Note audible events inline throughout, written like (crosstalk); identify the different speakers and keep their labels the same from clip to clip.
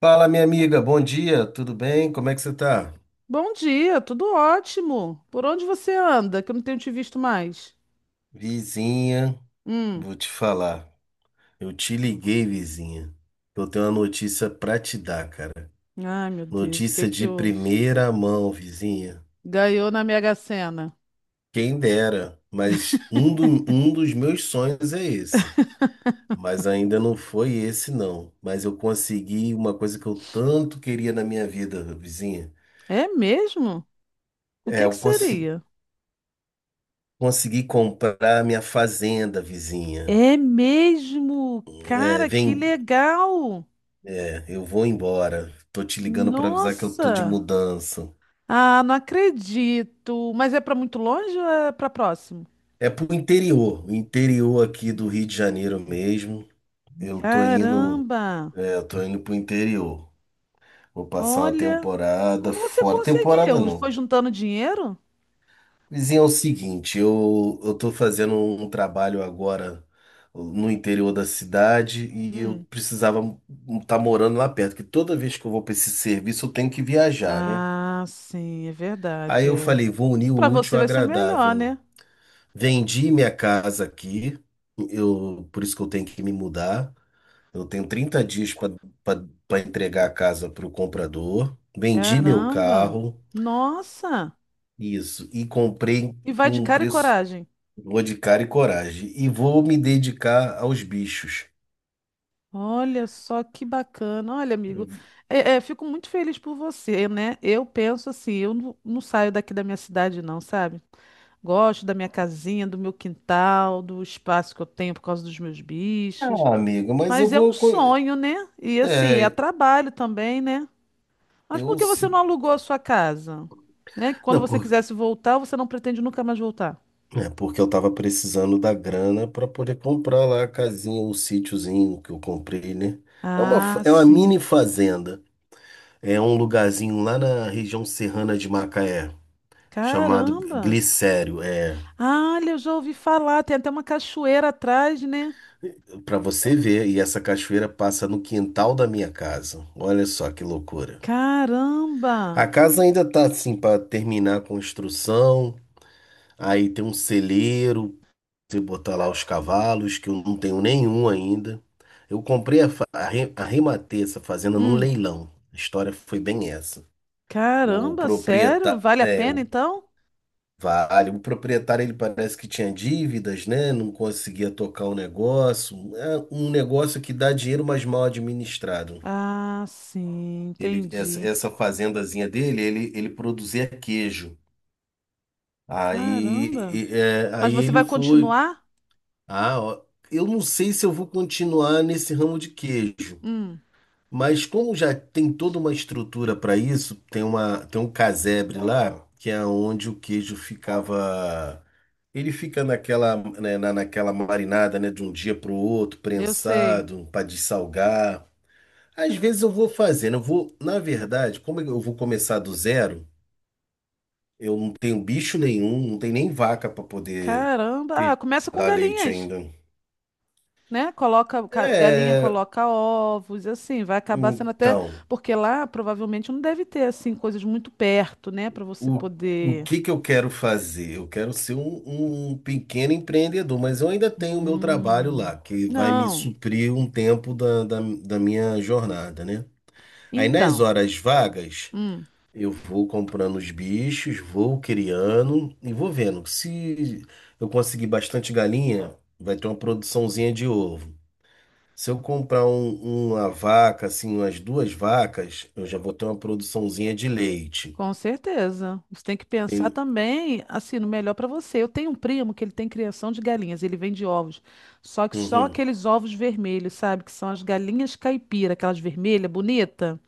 Speaker 1: Fala, minha amiga, bom dia, tudo bem? Como é que você tá?
Speaker 2: Bom dia, tudo ótimo. Por onde você anda? Que eu não tenho te visto mais.
Speaker 1: Vizinha,
Speaker 2: Hum.
Speaker 1: vou te falar. Eu te liguei, vizinha. Eu tenho uma notícia pra te dar, cara.
Speaker 2: Ai, meu Deus, o que é
Speaker 1: Notícia
Speaker 2: que
Speaker 1: de
Speaker 2: houve?
Speaker 1: primeira mão, vizinha.
Speaker 2: Ganhou na Mega Sena.
Speaker 1: Quem dera, mas um dos meus sonhos é esse. Mas ainda não foi esse, não. Mas eu consegui uma coisa que eu tanto queria na minha vida, vizinha.
Speaker 2: É mesmo? O que
Speaker 1: É,
Speaker 2: é que
Speaker 1: eu consegui,
Speaker 2: seria?
Speaker 1: consegui comprar minha fazenda, vizinha.
Speaker 2: É mesmo? Cara, que legal!
Speaker 1: Eu vou embora. Tô te ligando pra avisar que eu tô de
Speaker 2: Nossa!
Speaker 1: mudança.
Speaker 2: Ah, não acredito. Mas é para muito longe ou é para próximo?
Speaker 1: É pro interior, o interior aqui do Rio de Janeiro mesmo. Eu tô indo,
Speaker 2: Caramba!
Speaker 1: eu tô indo pro interior. Vou passar uma
Speaker 2: Olha,
Speaker 1: temporada
Speaker 2: como você
Speaker 1: fora. Temporada
Speaker 2: conseguiu? Foi
Speaker 1: não.
Speaker 2: juntando dinheiro?
Speaker 1: Vizinho, é o seguinte, eu tô fazendo um trabalho agora no interior da cidade e eu
Speaker 2: Hum.
Speaker 1: precisava estar morando lá perto, que toda vez que eu vou para esse serviço eu tenho que viajar, né?
Speaker 2: Ah, sim, é
Speaker 1: Aí
Speaker 2: verdade.
Speaker 1: eu
Speaker 2: É.
Speaker 1: falei, vou unir o
Speaker 2: Para
Speaker 1: útil
Speaker 2: você
Speaker 1: ao
Speaker 2: vai ser melhor,
Speaker 1: agradável.
Speaker 2: né?
Speaker 1: Vendi minha casa aqui, por isso que eu tenho que me mudar. Eu tenho 30 dias para entregar a casa para o comprador. Vendi meu
Speaker 2: Caramba!
Speaker 1: carro,
Speaker 2: Nossa!
Speaker 1: isso, e comprei
Speaker 2: E vai
Speaker 1: por
Speaker 2: de
Speaker 1: um
Speaker 2: cara e
Speaker 1: preço,
Speaker 2: coragem.
Speaker 1: vou de cara e coragem. E vou me dedicar aos bichos.
Speaker 2: Olha só que bacana. Olha, amigo, fico muito feliz por você, né? Eu penso assim, eu não, não saio daqui da minha cidade, não, sabe? Gosto da minha casinha, do meu quintal, do espaço que eu tenho por causa dos meus bichos.
Speaker 1: Ah, amigo, mas eu
Speaker 2: Mas é um
Speaker 1: vou.
Speaker 2: sonho, né? E assim, é
Speaker 1: É,
Speaker 2: trabalho também, né? Mas por
Speaker 1: eu.
Speaker 2: que você
Speaker 1: Se-
Speaker 2: não alugou a sua casa? Né? Que quando
Speaker 1: Não,
Speaker 2: você quisesse voltar, você não pretende nunca mais voltar.
Speaker 1: é porque eu tava precisando da grana para poder comprar lá a casinha, o sítiozinho que eu comprei, né? É uma, fa-
Speaker 2: Ah,
Speaker 1: é uma mini
Speaker 2: sim.
Speaker 1: fazenda. É um lugarzinho lá na região serrana de Macaé, chamado
Speaker 2: Caramba!
Speaker 1: Glicério. É,
Speaker 2: Ah, olha, eu já ouvi falar, tem até uma cachoeira atrás, né?
Speaker 1: para você ver, e essa cachoeira passa no quintal da minha casa. Olha só que loucura. A
Speaker 2: Caramba!
Speaker 1: casa ainda tá assim para terminar a construção. Aí tem um celeiro e botar lá os cavalos, que eu não tenho nenhum ainda. Eu comprei a, fa- a, re- a rematei essa fazenda num
Speaker 2: Hum,
Speaker 1: leilão. A história foi bem essa. O
Speaker 2: caramba, sério?
Speaker 1: proprietário,
Speaker 2: Vale a
Speaker 1: é,
Speaker 2: pena
Speaker 1: o
Speaker 2: então?
Speaker 1: vale, o proprietário ele parece que tinha dívidas, né? Não conseguia tocar o negócio. É um negócio que dá dinheiro, mas mal administrado.
Speaker 2: Ah, sim,
Speaker 1: Essa,
Speaker 2: entendi.
Speaker 1: essa fazendazinha dele, ele produzia queijo. Aí,
Speaker 2: Caramba!
Speaker 1: e- é,
Speaker 2: Mas
Speaker 1: aí
Speaker 2: você vai
Speaker 1: ele foi.
Speaker 2: continuar?
Speaker 1: Ah, ó, eu não sei se eu vou continuar nesse ramo de queijo,
Speaker 2: Hum,
Speaker 1: mas como já tem toda uma estrutura para isso, tem um casebre lá, que é onde o queijo ficava. Ele fica naquela, né, naquela marinada, né, de um dia para o outro,
Speaker 2: eu sei.
Speaker 1: prensado, para dessalgar. Às vezes eu vou fazendo, eu vou, na verdade, como eu vou começar do zero, eu não tenho bicho nenhum, não tenho nem vaca para poder
Speaker 2: Caramba! Ah,
Speaker 1: ter-
Speaker 2: começa com
Speaker 1: dar leite
Speaker 2: galinhas.
Speaker 1: ainda.
Speaker 2: Né? Galinha
Speaker 1: É,
Speaker 2: coloca ovos, e assim, vai acabar sendo até,
Speaker 1: então,
Speaker 2: porque lá provavelmente não deve ter assim coisas muito perto, né, para você
Speaker 1: o, o
Speaker 2: poder.
Speaker 1: que que eu quero fazer? Eu quero ser um pequeno empreendedor, mas eu ainda tenho o meu trabalho lá,
Speaker 2: Hum.
Speaker 1: que vai me
Speaker 2: Não.
Speaker 1: suprir um tempo da minha jornada, né? Aí nas
Speaker 2: Então,
Speaker 1: horas vagas,
Speaker 2: hum,
Speaker 1: eu vou comprando os bichos, vou criando e vou vendo. Se eu conseguir bastante galinha, vai ter uma produçãozinha de ovo. Se eu comprar uma vaca, assim, umas duas vacas, eu já vou ter uma produçãozinha de leite.
Speaker 2: com certeza. Você tem que pensar também assim no melhor para você. Eu tenho um primo que ele tem criação de galinhas, ele vende ovos. Só que só
Speaker 1: Uhum.
Speaker 2: aqueles ovos vermelhos, sabe, que são as galinhas caipira, aquelas vermelhas, bonita.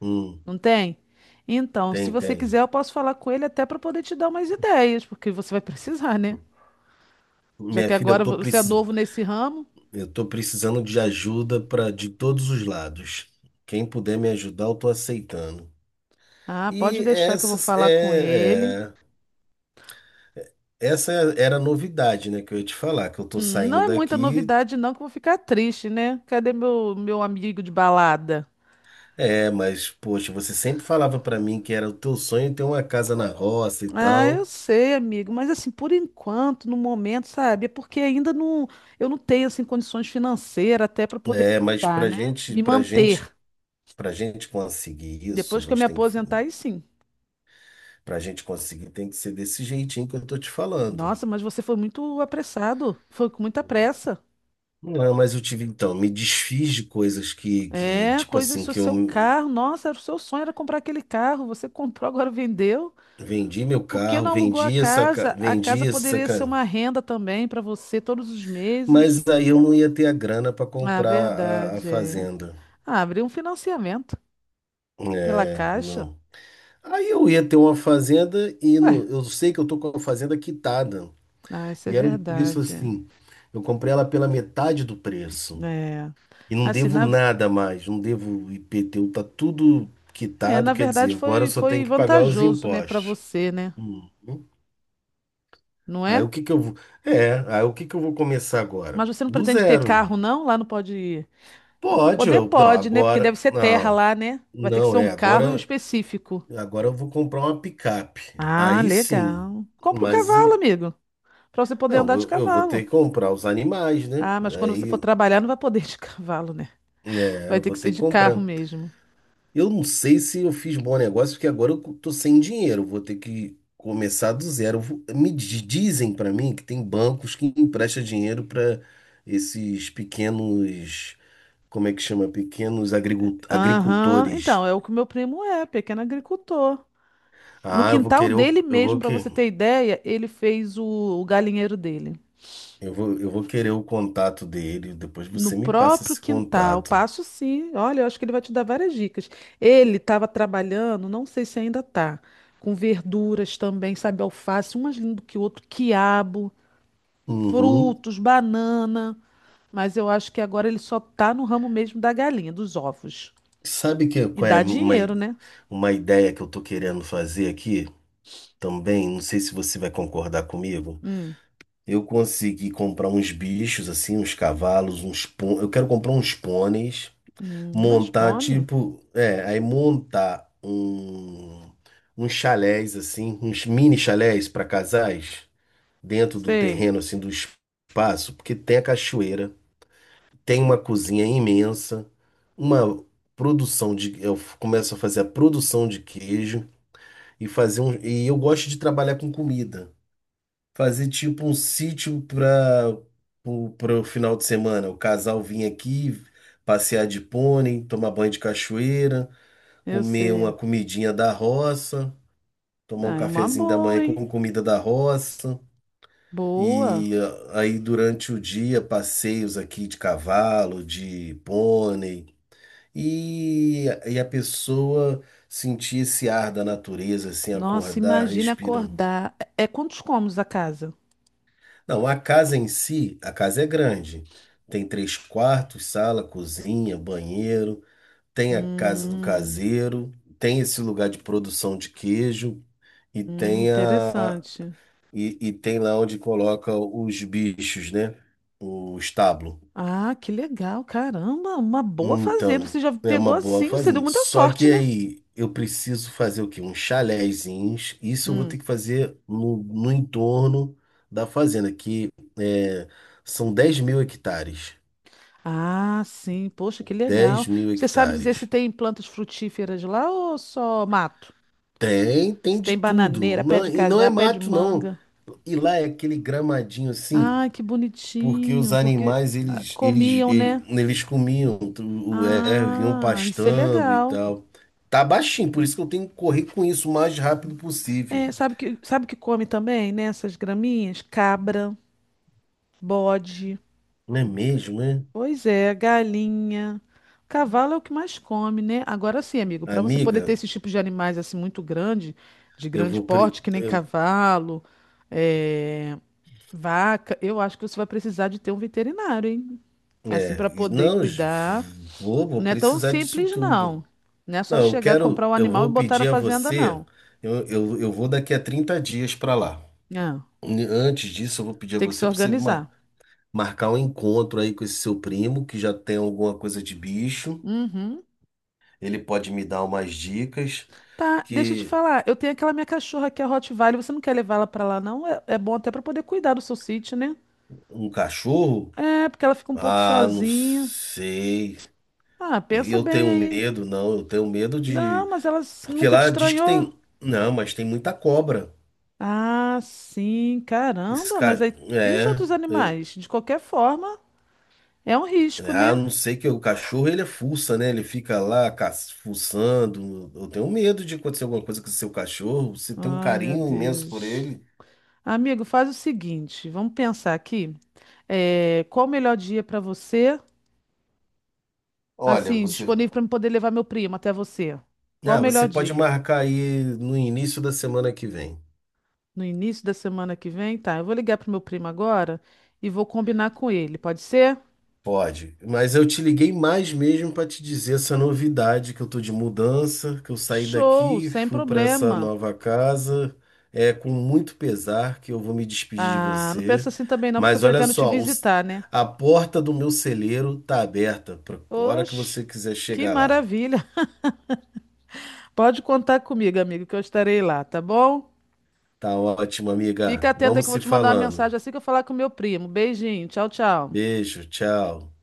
Speaker 1: Hum,
Speaker 2: Não tem? Então, se
Speaker 1: Tem,
Speaker 2: você
Speaker 1: tem.
Speaker 2: quiser, eu posso falar com ele até para poder te dar umas ideias, porque você vai (laughs) precisar, né? Já
Speaker 1: Minha
Speaker 2: que
Speaker 1: filha, eu
Speaker 2: agora
Speaker 1: tô
Speaker 2: você é
Speaker 1: precis...
Speaker 2: novo nesse ramo.
Speaker 1: eu tô precisando de ajuda para de todos os lados. Quem puder me ajudar, eu tô aceitando.
Speaker 2: Ah, pode
Speaker 1: E
Speaker 2: deixar que eu vou
Speaker 1: essas
Speaker 2: falar com ele.
Speaker 1: é, é- essa era a novidade, né, que eu ia te falar, que eu tô
Speaker 2: Não
Speaker 1: saindo
Speaker 2: é muita
Speaker 1: daqui.
Speaker 2: novidade, não, que eu vou ficar triste, né? Cadê meu amigo de balada?
Speaker 1: É, mas poxa, você sempre falava para mim que era o teu sonho ter uma casa na roça e
Speaker 2: Ah,
Speaker 1: tal.
Speaker 2: eu sei, amigo, mas assim, por enquanto, no momento, sabe? É porque ainda não, eu não tenho assim condições financeiras até para poder,
Speaker 1: É, mas
Speaker 2: tá, né? Me manter.
Speaker 1: pra gente conseguir isso, a
Speaker 2: Depois que eu me
Speaker 1: gente tem que,
Speaker 2: aposentar, aí sim.
Speaker 1: pra gente conseguir tem que ser desse jeitinho que eu tô te falando.
Speaker 2: Nossa, mas você foi muito apressado. Foi com muita pressa.
Speaker 1: Não, mas eu tive, então, me desfiz de coisas que,
Speaker 2: É,
Speaker 1: tipo
Speaker 2: coisas
Speaker 1: assim,
Speaker 2: do
Speaker 1: que eu
Speaker 2: seu carro. Nossa, era o seu sonho era comprar aquele carro. Você (laughs) comprou, agora vendeu.
Speaker 1: vendi meu
Speaker 2: Por que
Speaker 1: carro,
Speaker 2: não alugou a casa? A casa poderia ser uma renda também para você todos os meses.
Speaker 1: mas aí eu não ia ter a grana para
Speaker 2: Ah,
Speaker 1: comprar a
Speaker 2: verdade, é.
Speaker 1: fazenda.
Speaker 2: Ah, abriu um financiamento pela
Speaker 1: É,
Speaker 2: Caixa.
Speaker 1: não. Aí eu ia ter uma fazenda e
Speaker 2: Ué,
Speaker 1: no eu sei que eu tô com a fazenda quitada.
Speaker 2: ah, isso é
Speaker 1: E era um preço
Speaker 2: verdade.
Speaker 1: assim. Eu comprei ela pela metade do preço.
Speaker 2: É.
Speaker 1: E não
Speaker 2: Assim,
Speaker 1: devo
Speaker 2: na, ve-
Speaker 1: nada mais. Não devo IPTU, tá tudo
Speaker 2: É,
Speaker 1: quitado.
Speaker 2: na
Speaker 1: Quer dizer,
Speaker 2: verdade
Speaker 1: agora eu só tenho
Speaker 2: foi
Speaker 1: que pagar os
Speaker 2: vantajoso, né, para
Speaker 1: impostos.
Speaker 2: você, né?
Speaker 1: Hum.
Speaker 2: Não
Speaker 1: Aí
Speaker 2: é?
Speaker 1: o que que eu vou. Aí o que que eu vou começar agora?
Speaker 2: Mas você não
Speaker 1: Do
Speaker 2: pretende ter
Speaker 1: zero.
Speaker 2: carro, não? Lá não pode.
Speaker 1: Pode,
Speaker 2: Poder
Speaker 1: não,
Speaker 2: pode, né? Porque deve
Speaker 1: agora.
Speaker 2: ser terra
Speaker 1: Não,
Speaker 2: lá, né? Vai ter que
Speaker 1: não
Speaker 2: ser um
Speaker 1: é.
Speaker 2: carro
Speaker 1: Agora,
Speaker 2: específico.
Speaker 1: agora eu vou comprar uma picape.
Speaker 2: Ah,
Speaker 1: Aí sim.
Speaker 2: legal. Compra um
Speaker 1: Mas.
Speaker 2: cavalo,
Speaker 1: e-
Speaker 2: amigo, para você poder
Speaker 1: Não,
Speaker 2: andar de
Speaker 1: eu vou ter
Speaker 2: cavalo.
Speaker 1: que comprar os animais, né?
Speaker 2: Ah, mas quando você for
Speaker 1: Aí.
Speaker 2: trabalhar, não vai poder de (laughs) cavalo, né?
Speaker 1: É,
Speaker 2: Vai
Speaker 1: eu
Speaker 2: ter
Speaker 1: vou
Speaker 2: que ser
Speaker 1: ter que
Speaker 2: de carro
Speaker 1: comprar.
Speaker 2: mesmo.
Speaker 1: Eu não sei se eu fiz bom negócio, porque agora eu tô sem dinheiro. Vou ter que começar do zero. Eu vou- Me di- Dizem pra mim que tem bancos que emprestam dinheiro pra esses pequenos. Como é que chama? Pequenos
Speaker 2: Aham,
Speaker 1: agricultores.
Speaker 2: então, é o que o meu primo é, pequeno agricultor. No
Speaker 1: Ah,
Speaker 2: quintal dele
Speaker 1: eu vou
Speaker 2: mesmo, para
Speaker 1: que,
Speaker 2: você ter ideia, o galinheiro dele.
Speaker 1: eu vou, eu vou querer o contato dele. Depois
Speaker 2: No
Speaker 1: você me passa
Speaker 2: próprio
Speaker 1: esse
Speaker 2: quintal,
Speaker 1: contato.
Speaker 2: passo sim. Olha, eu acho que ele vai te dar várias dicas. Ele estava trabalhando, não sei se ainda tá, com verduras também, sabe, alface, um mais lindo que o outro, quiabo,
Speaker 1: Uhum.
Speaker 2: frutos, banana. Mas eu acho que agora ele só tá no ramo mesmo da galinha, dos ovos.
Speaker 1: Sabe que
Speaker 2: E
Speaker 1: qual é
Speaker 2: dá
Speaker 1: uma, i-
Speaker 2: dinheiro, né?
Speaker 1: uma ideia que eu tô querendo fazer aqui também? Não sei se você vai concordar comigo.
Speaker 2: Hum,
Speaker 1: Eu consegui comprar uns bichos assim, uns cavalos, Eu quero comprar uns pôneis.
Speaker 2: mas
Speaker 1: Montar,
Speaker 2: pônei.
Speaker 1: tipo, é, aí montar uns mini chalés para casais, dentro do
Speaker 2: Sei,
Speaker 1: terreno, assim, do espaço, porque tem a cachoeira, tem uma cozinha imensa, uma produção de. Começo a fazer a produção de queijo e fazer um. E eu gosto de trabalhar com comida. Fazer tipo um sítio para o final de semana. O casal vir aqui, passear de pônei, tomar banho de cachoeira,
Speaker 2: eu
Speaker 1: comer uma
Speaker 2: sei.
Speaker 1: comidinha da roça, tomar um
Speaker 2: Ah, é uma
Speaker 1: cafezinho da manhã
Speaker 2: boa,
Speaker 1: com
Speaker 2: hein?
Speaker 1: comida da roça.
Speaker 2: Boa.
Speaker 1: E aí durante o dia, passeios aqui de cavalo, de pônei. E a pessoa sentir esse ar da natureza, assim,
Speaker 2: Nossa,
Speaker 1: acordar,
Speaker 2: imagina
Speaker 1: respirando.
Speaker 2: acordar. É quantos cômodos a casa?
Speaker 1: Não, a casa em si, a casa é grande. Tem três quartos, sala, cozinha, banheiro. Tem a casa do
Speaker 2: Hum.
Speaker 1: caseiro. Tem esse lugar de produção de queijo. E tem a,
Speaker 2: Interessante.
Speaker 1: e tem lá onde coloca os bichos, né? O estábulo.
Speaker 2: Ah, que legal, caramba, uma boa fazenda. Você
Speaker 1: Então,
Speaker 2: já
Speaker 1: é uma
Speaker 2: pegou
Speaker 1: boa
Speaker 2: assim, você deu
Speaker 1: fazenda.
Speaker 2: muita
Speaker 1: Só
Speaker 2: sorte,
Speaker 1: que
Speaker 2: né?
Speaker 1: aí eu preciso fazer o quê? Uns chalézinhos. Isso eu vou
Speaker 2: Hum.
Speaker 1: ter que fazer no entorno da fazenda, é, são 10 mil hectares.
Speaker 2: Ah, sim, poxa, que
Speaker 1: dez
Speaker 2: legal.
Speaker 1: mil
Speaker 2: Você sabe dizer se
Speaker 1: hectares.
Speaker 2: tem plantas frutíferas lá ou só mato?
Speaker 1: Tem, tem
Speaker 2: Se
Speaker 1: de
Speaker 2: tem
Speaker 1: tudo.
Speaker 2: bananeira, pé de
Speaker 1: E não
Speaker 2: cajá,
Speaker 1: é
Speaker 2: pé de
Speaker 1: mato, não.
Speaker 2: manga.
Speaker 1: E lá é aquele gramadinho assim.
Speaker 2: Ah, que
Speaker 1: Porque os
Speaker 2: bonitinho, porque
Speaker 1: animais,
Speaker 2: ah,
Speaker 1: eles, eles,
Speaker 2: comiam, né?
Speaker 1: ele- eles, comiam, vinham
Speaker 2: Ah, isso é
Speaker 1: pastando e
Speaker 2: legal.
Speaker 1: tal. Tá baixinho, por isso que eu tenho que correr com isso o mais rápido
Speaker 2: É,
Speaker 1: possível.
Speaker 2: sabe que come também, né? Essas graminhas? Cabra, bode.
Speaker 1: Não é mesmo, né?
Speaker 2: Pois é, galinha. Cavalo é o que mais come, né? Agora sim, amigo, para você poder ter
Speaker 1: Amiga,
Speaker 2: esses tipos de animais assim muito grande, de
Speaker 1: eu
Speaker 2: grande
Speaker 1: vou...
Speaker 2: porte, que nem cavalo, eh, vaca, eu acho que você vai precisar de ter um veterinário, hein? Assim,
Speaker 1: É,
Speaker 2: para poder
Speaker 1: não, j-
Speaker 2: cuidar.
Speaker 1: vou, vou
Speaker 2: Não é tão
Speaker 1: precisar disso
Speaker 2: simples, não.
Speaker 1: tudo.
Speaker 2: Não é só
Speaker 1: Não, eu
Speaker 2: chegar, comprar
Speaker 1: quero...
Speaker 2: o
Speaker 1: Eu
Speaker 2: animal e
Speaker 1: vou
Speaker 2: botar na
Speaker 1: pedir a
Speaker 2: fazenda,
Speaker 1: você...
Speaker 2: não.
Speaker 1: Eu vou daqui a 30 dias para lá.
Speaker 2: Não.
Speaker 1: Antes disso, eu vou pedir a
Speaker 2: Tem que se
Speaker 1: você para você...
Speaker 2: organizar.
Speaker 1: marcar um encontro aí com esse seu primo que já tem alguma coisa de bicho.
Speaker 2: Uhum.
Speaker 1: Ele pode me dar umas dicas
Speaker 2: Tá, deixa eu te
Speaker 1: que
Speaker 2: falar. Eu tenho aquela minha cachorra que é Rottweiler. Você não quer levar ela pra lá, não? É, é bom até pra poder cuidar do seu sítio, né?
Speaker 1: um cachorro,
Speaker 2: É, porque ela fica um pouco
Speaker 1: não
Speaker 2: sozinha.
Speaker 1: sei.
Speaker 2: Ah,
Speaker 1: E
Speaker 2: pensa
Speaker 1: eu
Speaker 2: bem
Speaker 1: tenho
Speaker 2: aí.
Speaker 1: medo, não, eu tenho medo
Speaker 2: Não,
Speaker 1: de
Speaker 2: mas
Speaker 1: porque
Speaker 2: nunca te
Speaker 1: lá diz que
Speaker 2: estranhou?
Speaker 1: tem, não, mas tem muita cobra.
Speaker 2: Ah, sim,
Speaker 1: Esse
Speaker 2: caramba. Mas
Speaker 1: cara,
Speaker 2: aí. E os
Speaker 1: é,
Speaker 2: outros
Speaker 1: eu
Speaker 2: animais? De qualquer forma, é um risco,
Speaker 1: Ah,
Speaker 2: né?
Speaker 1: não sei que o cachorro ele é fuça, né? Ele fica lá fuçando. Eu tenho medo de acontecer alguma coisa com o seu cachorro. Você tem um
Speaker 2: Ai, meu
Speaker 1: carinho imenso por
Speaker 2: Deus.
Speaker 1: ele.
Speaker 2: Amigo, faz o seguinte. Vamos pensar aqui. É, qual o melhor dia para você?
Speaker 1: Olha,
Speaker 2: Assim,
Speaker 1: você
Speaker 2: disponível para eu poder levar meu primo até você. Qual o
Speaker 1: Você
Speaker 2: melhor
Speaker 1: pode
Speaker 2: dia?
Speaker 1: marcar aí no início da semana que vem.
Speaker 2: No início da semana que vem? Tá, eu vou ligar pro meu primo agora e vou combinar com ele, pode ser?
Speaker 1: Pode. Mas eu te liguei mais mesmo para te dizer essa novidade que eu tô de mudança, que eu saí
Speaker 2: Show,
Speaker 1: daqui,
Speaker 2: sem
Speaker 1: fui para essa
Speaker 2: problema.
Speaker 1: nova casa. É com muito pesar que eu vou me despedir de
Speaker 2: Ah, não
Speaker 1: você.
Speaker 2: pensa assim também não, porque eu
Speaker 1: Mas olha
Speaker 2: pretendo te
Speaker 1: só,
Speaker 2: visitar, né?
Speaker 1: a porta do meu celeiro tá aberta para a hora que
Speaker 2: Oxe,
Speaker 1: você quiser
Speaker 2: que
Speaker 1: chegar lá.
Speaker 2: maravilha. (laughs) Pode contar comigo, amigo, que eu estarei lá, tá bom?
Speaker 1: Tá ótimo, amiga.
Speaker 2: Fica atento aí que
Speaker 1: Vamos
Speaker 2: eu vou
Speaker 1: se
Speaker 2: te mandar uma
Speaker 1: falando.
Speaker 2: mensagem assim que eu falar com meu primo. Beijinho, tchau, tchau.
Speaker 1: Beijo, tchau.